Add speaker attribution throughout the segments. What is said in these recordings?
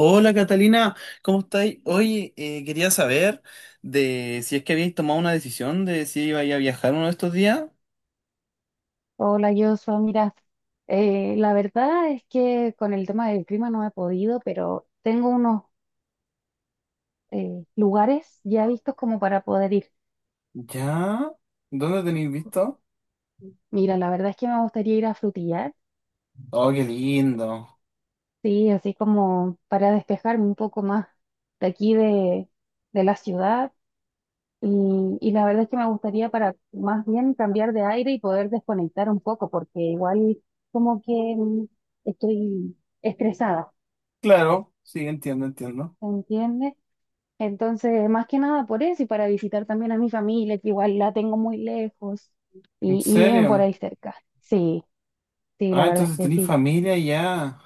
Speaker 1: Hola Catalina, ¿cómo estáis? Oye, quería saber de si es que habéis tomado una decisión de si ibais a viajar uno de estos días.
Speaker 2: Hola, Joshua. Mira, la verdad es que con el tema del clima no he podido, pero tengo unos lugares ya vistos como para poder ir.
Speaker 1: ¿Ya? ¿Dónde tenéis visto?
Speaker 2: Mira, la verdad es que me gustaría ir a Frutillar,
Speaker 1: Oh, qué lindo.
Speaker 2: sí, así como para despejarme un poco más de aquí de la ciudad. Y la verdad es que me gustaría para más bien cambiar de aire y poder desconectar un poco, porque igual como que estoy estresada,
Speaker 1: Claro, sí, entiendo, entiendo.
Speaker 2: ¿se entiende? Entonces, más que nada por eso y para visitar también a mi familia, que igual la tengo muy lejos
Speaker 1: ¿En
Speaker 2: y viven por ahí
Speaker 1: serio?
Speaker 2: cerca. Sí, sí, la
Speaker 1: Ah,
Speaker 2: verdad es
Speaker 1: entonces
Speaker 2: que
Speaker 1: tenéis
Speaker 2: sí.
Speaker 1: familia ya.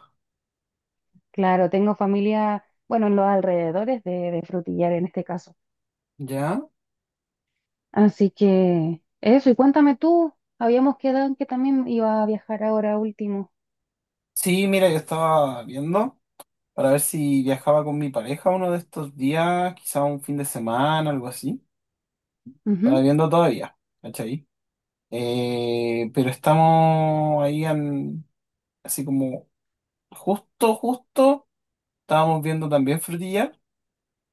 Speaker 2: Claro, tengo familia, bueno, en los alrededores de Frutillar en este caso.
Speaker 1: ¿Ya?
Speaker 2: Así que eso, y cuéntame tú, habíamos quedado en que también iba a viajar ahora último.
Speaker 1: Sí, mira, yo estaba viendo para ver si viajaba con mi pareja uno de estos días, quizá un fin de semana, algo así. Estaba
Speaker 2: Ujú.
Speaker 1: viendo todavía, ¿cachai? Pero estamos ahí así como justo, justo, estábamos viendo también Frutillar.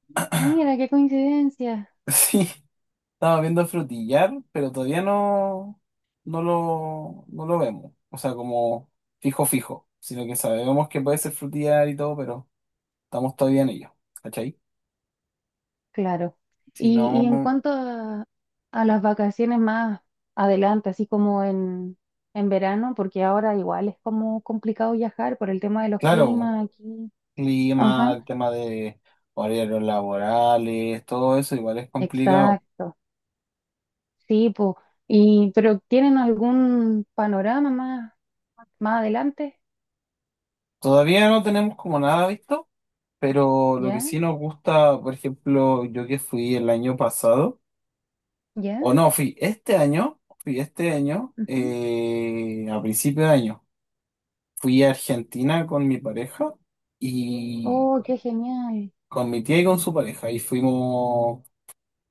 Speaker 2: Mira, qué coincidencia.
Speaker 1: Sí, estábamos viendo Frutillar, pero todavía no, no lo vemos. O sea, como fijo, fijo. Sino que sabemos que puede ser Frutillar y todo, pero estamos todavía en ello. ¿Cachai?
Speaker 2: Claro.
Speaker 1: Si
Speaker 2: Y en
Speaker 1: no,
Speaker 2: cuanto a las vacaciones más adelante, así como en verano, porque ahora igual es como complicado viajar por el tema de los
Speaker 1: claro,
Speaker 2: climas aquí.
Speaker 1: clima, el
Speaker 2: Ajá,
Speaker 1: tema de horarios laborales, todo eso igual es complicado.
Speaker 2: exacto. Sí, pues. Y, pero ¿tienen algún panorama más adelante?
Speaker 1: Todavía no tenemos como nada visto. Pero lo que
Speaker 2: ¿Ya?
Speaker 1: sí nos gusta, por ejemplo, yo que fui el año pasado,
Speaker 2: ¿Ya?
Speaker 1: o no, fui este año,
Speaker 2: Ujú.
Speaker 1: a principio de año, fui a Argentina con mi pareja y
Speaker 2: Oh, qué genial.
Speaker 1: con mi tía y con su pareja, y fuimos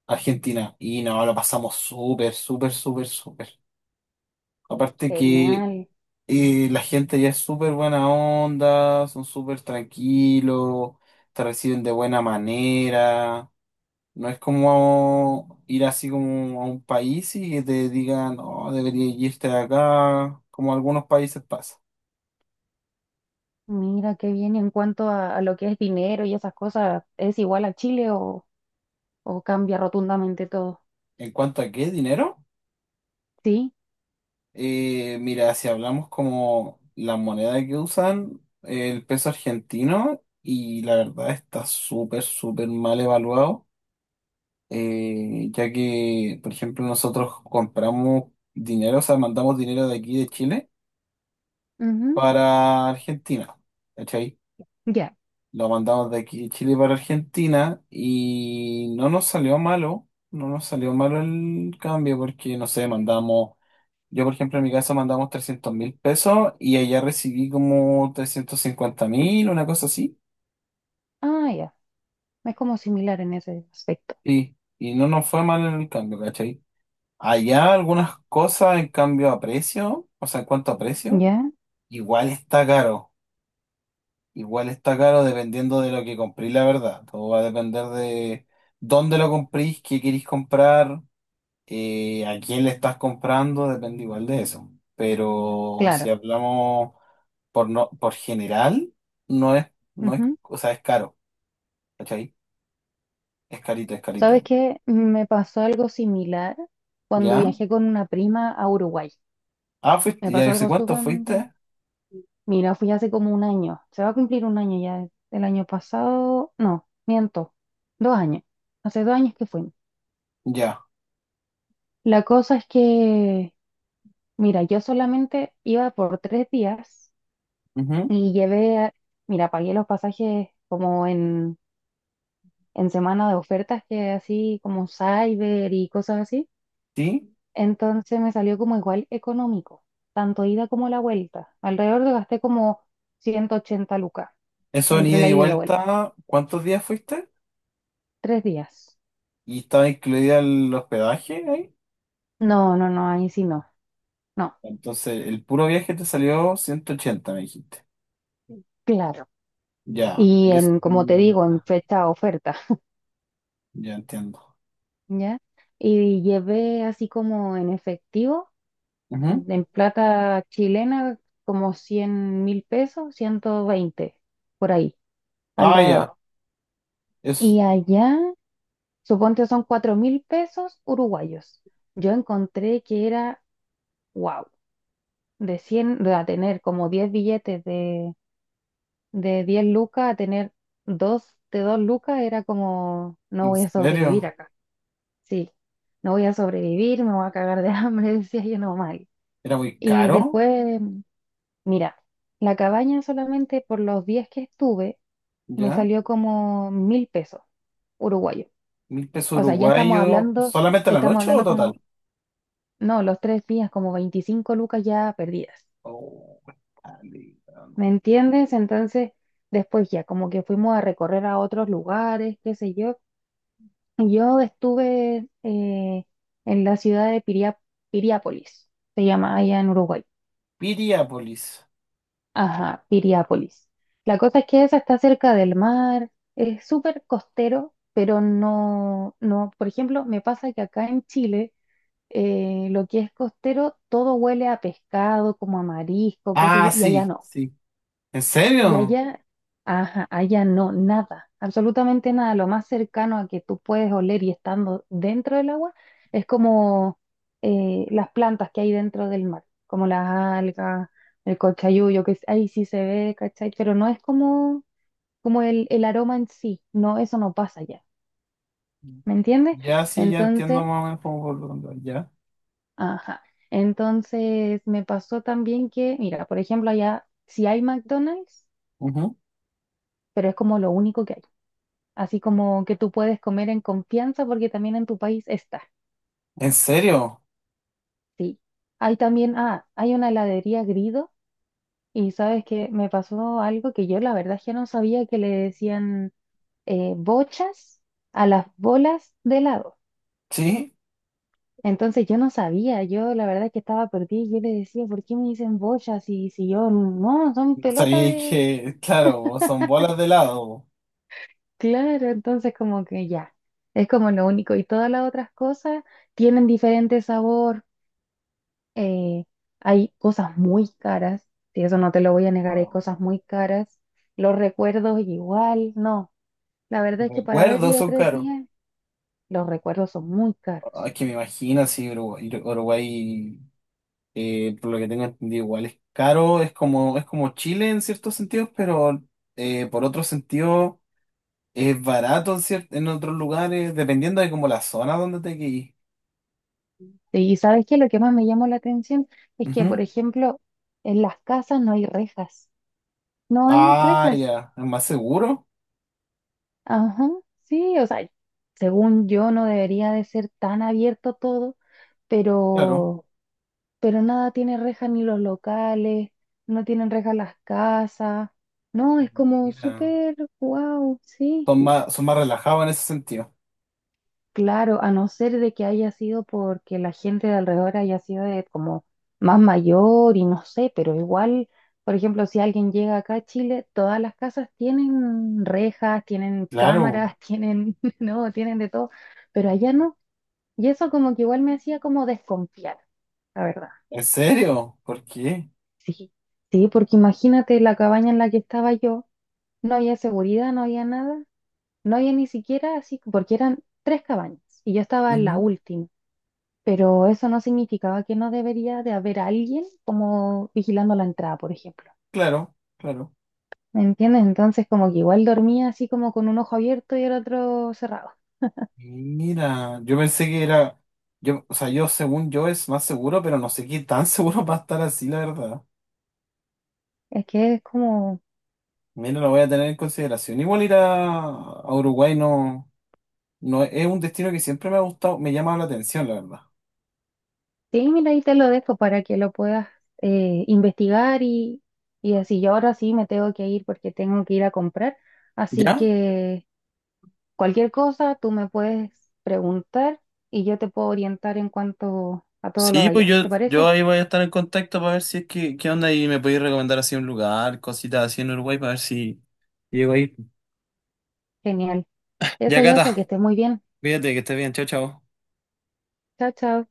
Speaker 1: a Argentina, y no, lo pasamos súper, súper, súper, súper. Aparte que
Speaker 2: Genial.
Speaker 1: la gente ya es súper buena onda, son súper tranquilos, te reciben de buena manera. No es como ir así como a un país y que te digan, no, deberías irte de acá, como algunos países pasa.
Speaker 2: Mira, qué bien. Y en cuanto a lo que es dinero y esas cosas, ¿es igual a Chile o cambia rotundamente todo?
Speaker 1: En cuanto a qué dinero,
Speaker 2: Sí,
Speaker 1: mira, si hablamos como la moneda que usan, el peso argentino, y la verdad está súper, súper mal evaluado, ya que, por ejemplo, nosotros compramos dinero, o sea, mandamos dinero de aquí de Chile
Speaker 2: ujú,
Speaker 1: para Argentina. ¿Cachai?
Speaker 2: ya.
Speaker 1: Lo mandamos de aquí de Chile para Argentina y no nos salió malo el cambio porque, no sé, mandamos, yo por ejemplo en mi caso mandamos 300.000 pesos y allá recibí como 350.000, una cosa así,
Speaker 2: Ah, ya. Es como similar en ese aspecto.
Speaker 1: y no nos fue mal el cambio, ¿cachai? Allá algunas cosas en cambio a precio, o sea, en cuanto a precio,
Speaker 2: Ya,
Speaker 1: igual está caro, igual está caro dependiendo de lo que compré, la verdad, todo va a depender de dónde lo comprís, qué queréis comprar. A quién le estás comprando depende igual de eso. Pero si
Speaker 2: claro.
Speaker 1: hablamos por general, no es, no es,
Speaker 2: Ujú.
Speaker 1: o sea, es caro, ¿cachai? Es carito, es
Speaker 2: ¿Sabes
Speaker 1: carito.
Speaker 2: qué? Me pasó algo similar cuando
Speaker 1: ¿Ya?
Speaker 2: viajé con una prima a Uruguay.
Speaker 1: Ah, fuiste,
Speaker 2: Me
Speaker 1: ya
Speaker 2: pasó
Speaker 1: yo sé
Speaker 2: algo
Speaker 1: cuánto
Speaker 2: sumamente.
Speaker 1: fuiste.
Speaker 2: Mira, fui hace como un año. Se va a cumplir un año ya. El año pasado. No, miento. 2 años. Hace 2 años que fui.
Speaker 1: Ya.
Speaker 2: La cosa es que, mira, yo solamente iba por 3 días.
Speaker 1: Ujú.
Speaker 2: y llevé... a- Mira, pagué los pasajes como en semana de ofertas que así como Cyber y cosas así.
Speaker 1: Sí.
Speaker 2: Entonces me salió como igual económico, tanto ida como la vuelta. Alrededor de gasté como 180 lucas
Speaker 1: Eso en
Speaker 2: entre
Speaker 1: ida
Speaker 2: la
Speaker 1: y
Speaker 2: ida y la vuelta.
Speaker 1: vuelta, ¿cuántos días fuiste?
Speaker 2: 3 días.
Speaker 1: Y estaba incluida el hospedaje ahí.
Speaker 2: No, no, no, ahí sí no. No,
Speaker 1: Entonces, el puro viaje te salió 180 me dijiste.
Speaker 2: claro.
Speaker 1: Ya.
Speaker 2: Y
Speaker 1: Y eso
Speaker 2: en,
Speaker 1: en
Speaker 2: como
Speaker 1: ida y
Speaker 2: te digo, en
Speaker 1: vuelta.
Speaker 2: fecha oferta,
Speaker 1: Ya entiendo.
Speaker 2: ¿ya? Y llevé así como en efectivo,
Speaker 1: Ujú.
Speaker 2: en plata chilena, como 100.000 pesos, 120 por ahí,
Speaker 1: Ah, ya.
Speaker 2: alrededor.
Speaker 1: Es
Speaker 2: Y allá, suponte son 4.000 pesos uruguayos. Yo encontré que era, wow, de 100 de a tener como 10 billetes de 10 lucas, a tener dos de 2 lucas, era como, no
Speaker 1: ¿En
Speaker 2: voy a sobrevivir
Speaker 1: serio?
Speaker 2: acá. Sí, no voy a sobrevivir, me voy a cagar de hambre, decía yo normal.
Speaker 1: ¿Era muy
Speaker 2: Y
Speaker 1: caro?
Speaker 2: después, mira, la cabaña solamente por los días que estuve, me
Speaker 1: ¿Ya?
Speaker 2: salió como 1.000 pesos uruguayos.
Speaker 1: ¿1.000 pesos
Speaker 2: O sea, ya estamos
Speaker 1: uruguayos
Speaker 2: hablando,
Speaker 1: solamente a la
Speaker 2: estamos
Speaker 1: noche o
Speaker 2: hablando como,
Speaker 1: total?
Speaker 2: no, los 3 días, como 25 lucas ya perdidas.
Speaker 1: Oh, dale, no.
Speaker 2: ¿Me entiendes? Entonces, después ya, como que fuimos a recorrer a otros lugares, qué sé yo. Y yo estuve en la ciudad de Piriápolis, se llama allá en Uruguay.
Speaker 1: Piriápolis.
Speaker 2: Ajá, Piriápolis. La cosa es que esa está cerca del mar, es súper costero, pero no, no, por ejemplo, me pasa que acá en Chile lo que es costero, todo huele a pescado, como a marisco, qué sé yo,
Speaker 1: Ah,
Speaker 2: y allá
Speaker 1: sí,
Speaker 2: no.
Speaker 1: sí. ¿En
Speaker 2: Y
Speaker 1: serio?
Speaker 2: allá, ajá, allá no, nada, absolutamente nada. Lo más cercano a que tú puedes oler y estando dentro del agua es como las plantas que hay dentro del mar, como las algas, el cochayuyo, ahí sí se ve, ¿cachai? Pero no es como el aroma en sí, no, eso no pasa allá, ¿me entiendes?
Speaker 1: Ya sí, ya
Speaker 2: Entonces.
Speaker 1: entiendo más o menos cómo por dónde va. Ya.
Speaker 2: Ajá. Entonces me pasó también que, mira, por ejemplo, allá sí hay McDonald's,
Speaker 1: Ujú.
Speaker 2: pero es como lo único que hay. Así como que tú puedes comer en confianza porque también en tu país está.
Speaker 1: ¿En serio?
Speaker 2: Sí. Hay también, ah, hay una heladería Grido y sabes que me pasó algo que yo la verdad es que no sabía que le decían bochas a las bolas de helado.
Speaker 1: Sí.
Speaker 2: Entonces yo no sabía, yo la verdad es que estaba perdida y yo le decía, ¿por qué me dicen bochas? Y si yo, no, son pelotas
Speaker 1: Sabía
Speaker 2: de.
Speaker 1: que, claro, son bolas de helado.
Speaker 2: Claro, entonces como que ya, es como lo único. Y todas las otras cosas tienen diferente sabor. eh, Hay cosas muy caras, y eso no te lo voy a negar, hay cosas muy caras. Los recuerdos igual, no. La
Speaker 1: Los
Speaker 2: verdad es que para haber
Speaker 1: recuerdos
Speaker 2: ido
Speaker 1: son
Speaker 2: tres
Speaker 1: caros.
Speaker 2: días, los recuerdos son muy
Speaker 1: Ah,
Speaker 2: caros.
Speaker 1: es que me imagino si Uruguay, por lo que tengo entendido, igual es caro, es como, Chile en ciertos sentidos, pero por otro sentido es barato en otros lugares, dependiendo de como la zona donde te quedes.
Speaker 2: Y ¿sabes qué? Lo que más me llamó la atención es que, por
Speaker 1: Ujú.
Speaker 2: ejemplo, en las casas no hay rejas. No hay
Speaker 1: Ah,
Speaker 2: rejas.
Speaker 1: ya, es más seguro,
Speaker 2: Ajá, sí, o sea, según yo no debería de ser tan abierto todo,
Speaker 1: claro.
Speaker 2: pero, pero nada tiene rejas ni los locales, no tienen rejas las casas, no, es como
Speaker 1: Mira,
Speaker 2: súper, wow, sí.
Speaker 1: son más, relajados en ese sentido.
Speaker 2: Claro, a no ser de que haya sido porque la gente de alrededor haya sido de como más mayor y no sé, pero igual, por ejemplo, si alguien llega acá a Chile, todas las casas tienen rejas, tienen
Speaker 1: Claro,
Speaker 2: cámaras, tienen, no, tienen de todo, pero allá no. Y eso como que igual me hacía como desconfiar, la verdad.
Speaker 1: ¿en serio? ¿Por qué?
Speaker 2: Sí, sí, porque imagínate la cabaña en la que estaba yo, no había seguridad, no había nada, no había ni siquiera así, porque eran tres cabañas y yo estaba en la
Speaker 1: Ujú.
Speaker 2: última. Pero eso no significaba que no debería de haber alguien como vigilando la entrada, por ejemplo.
Speaker 1: Claro, claro.
Speaker 2: ¿Me entiendes? Entonces como que igual dormía así como con un ojo abierto y el otro cerrado.
Speaker 1: Mira, yo pensé que era, yo, o sea, yo según yo es más seguro, pero no sé qué tan seguro va a estar así, la verdad.
Speaker 2: Es que es como,
Speaker 1: Mira, lo voy a tener en consideración. Igual ir a Uruguay no es un destino que siempre me ha gustado, me llama la atención, la verdad.
Speaker 2: sí, mira, ahí te lo dejo para que lo puedas investigar y así. Yo ahora sí me tengo que ir porque tengo que ir a comprar. Así
Speaker 1: ¿Ya?
Speaker 2: que cualquier cosa tú me puedes preguntar y yo te puedo orientar en cuanto a todo lo de allá. ¿Te parece?
Speaker 1: Voy para ver si llego ahí.
Speaker 2: Genial. Eso,
Speaker 1: Ya,
Speaker 2: yo
Speaker 1: Cata,
Speaker 2: soy que estés muy bien.
Speaker 1: cuídate, que estés bien, chao, chao.
Speaker 2: Chao, chao.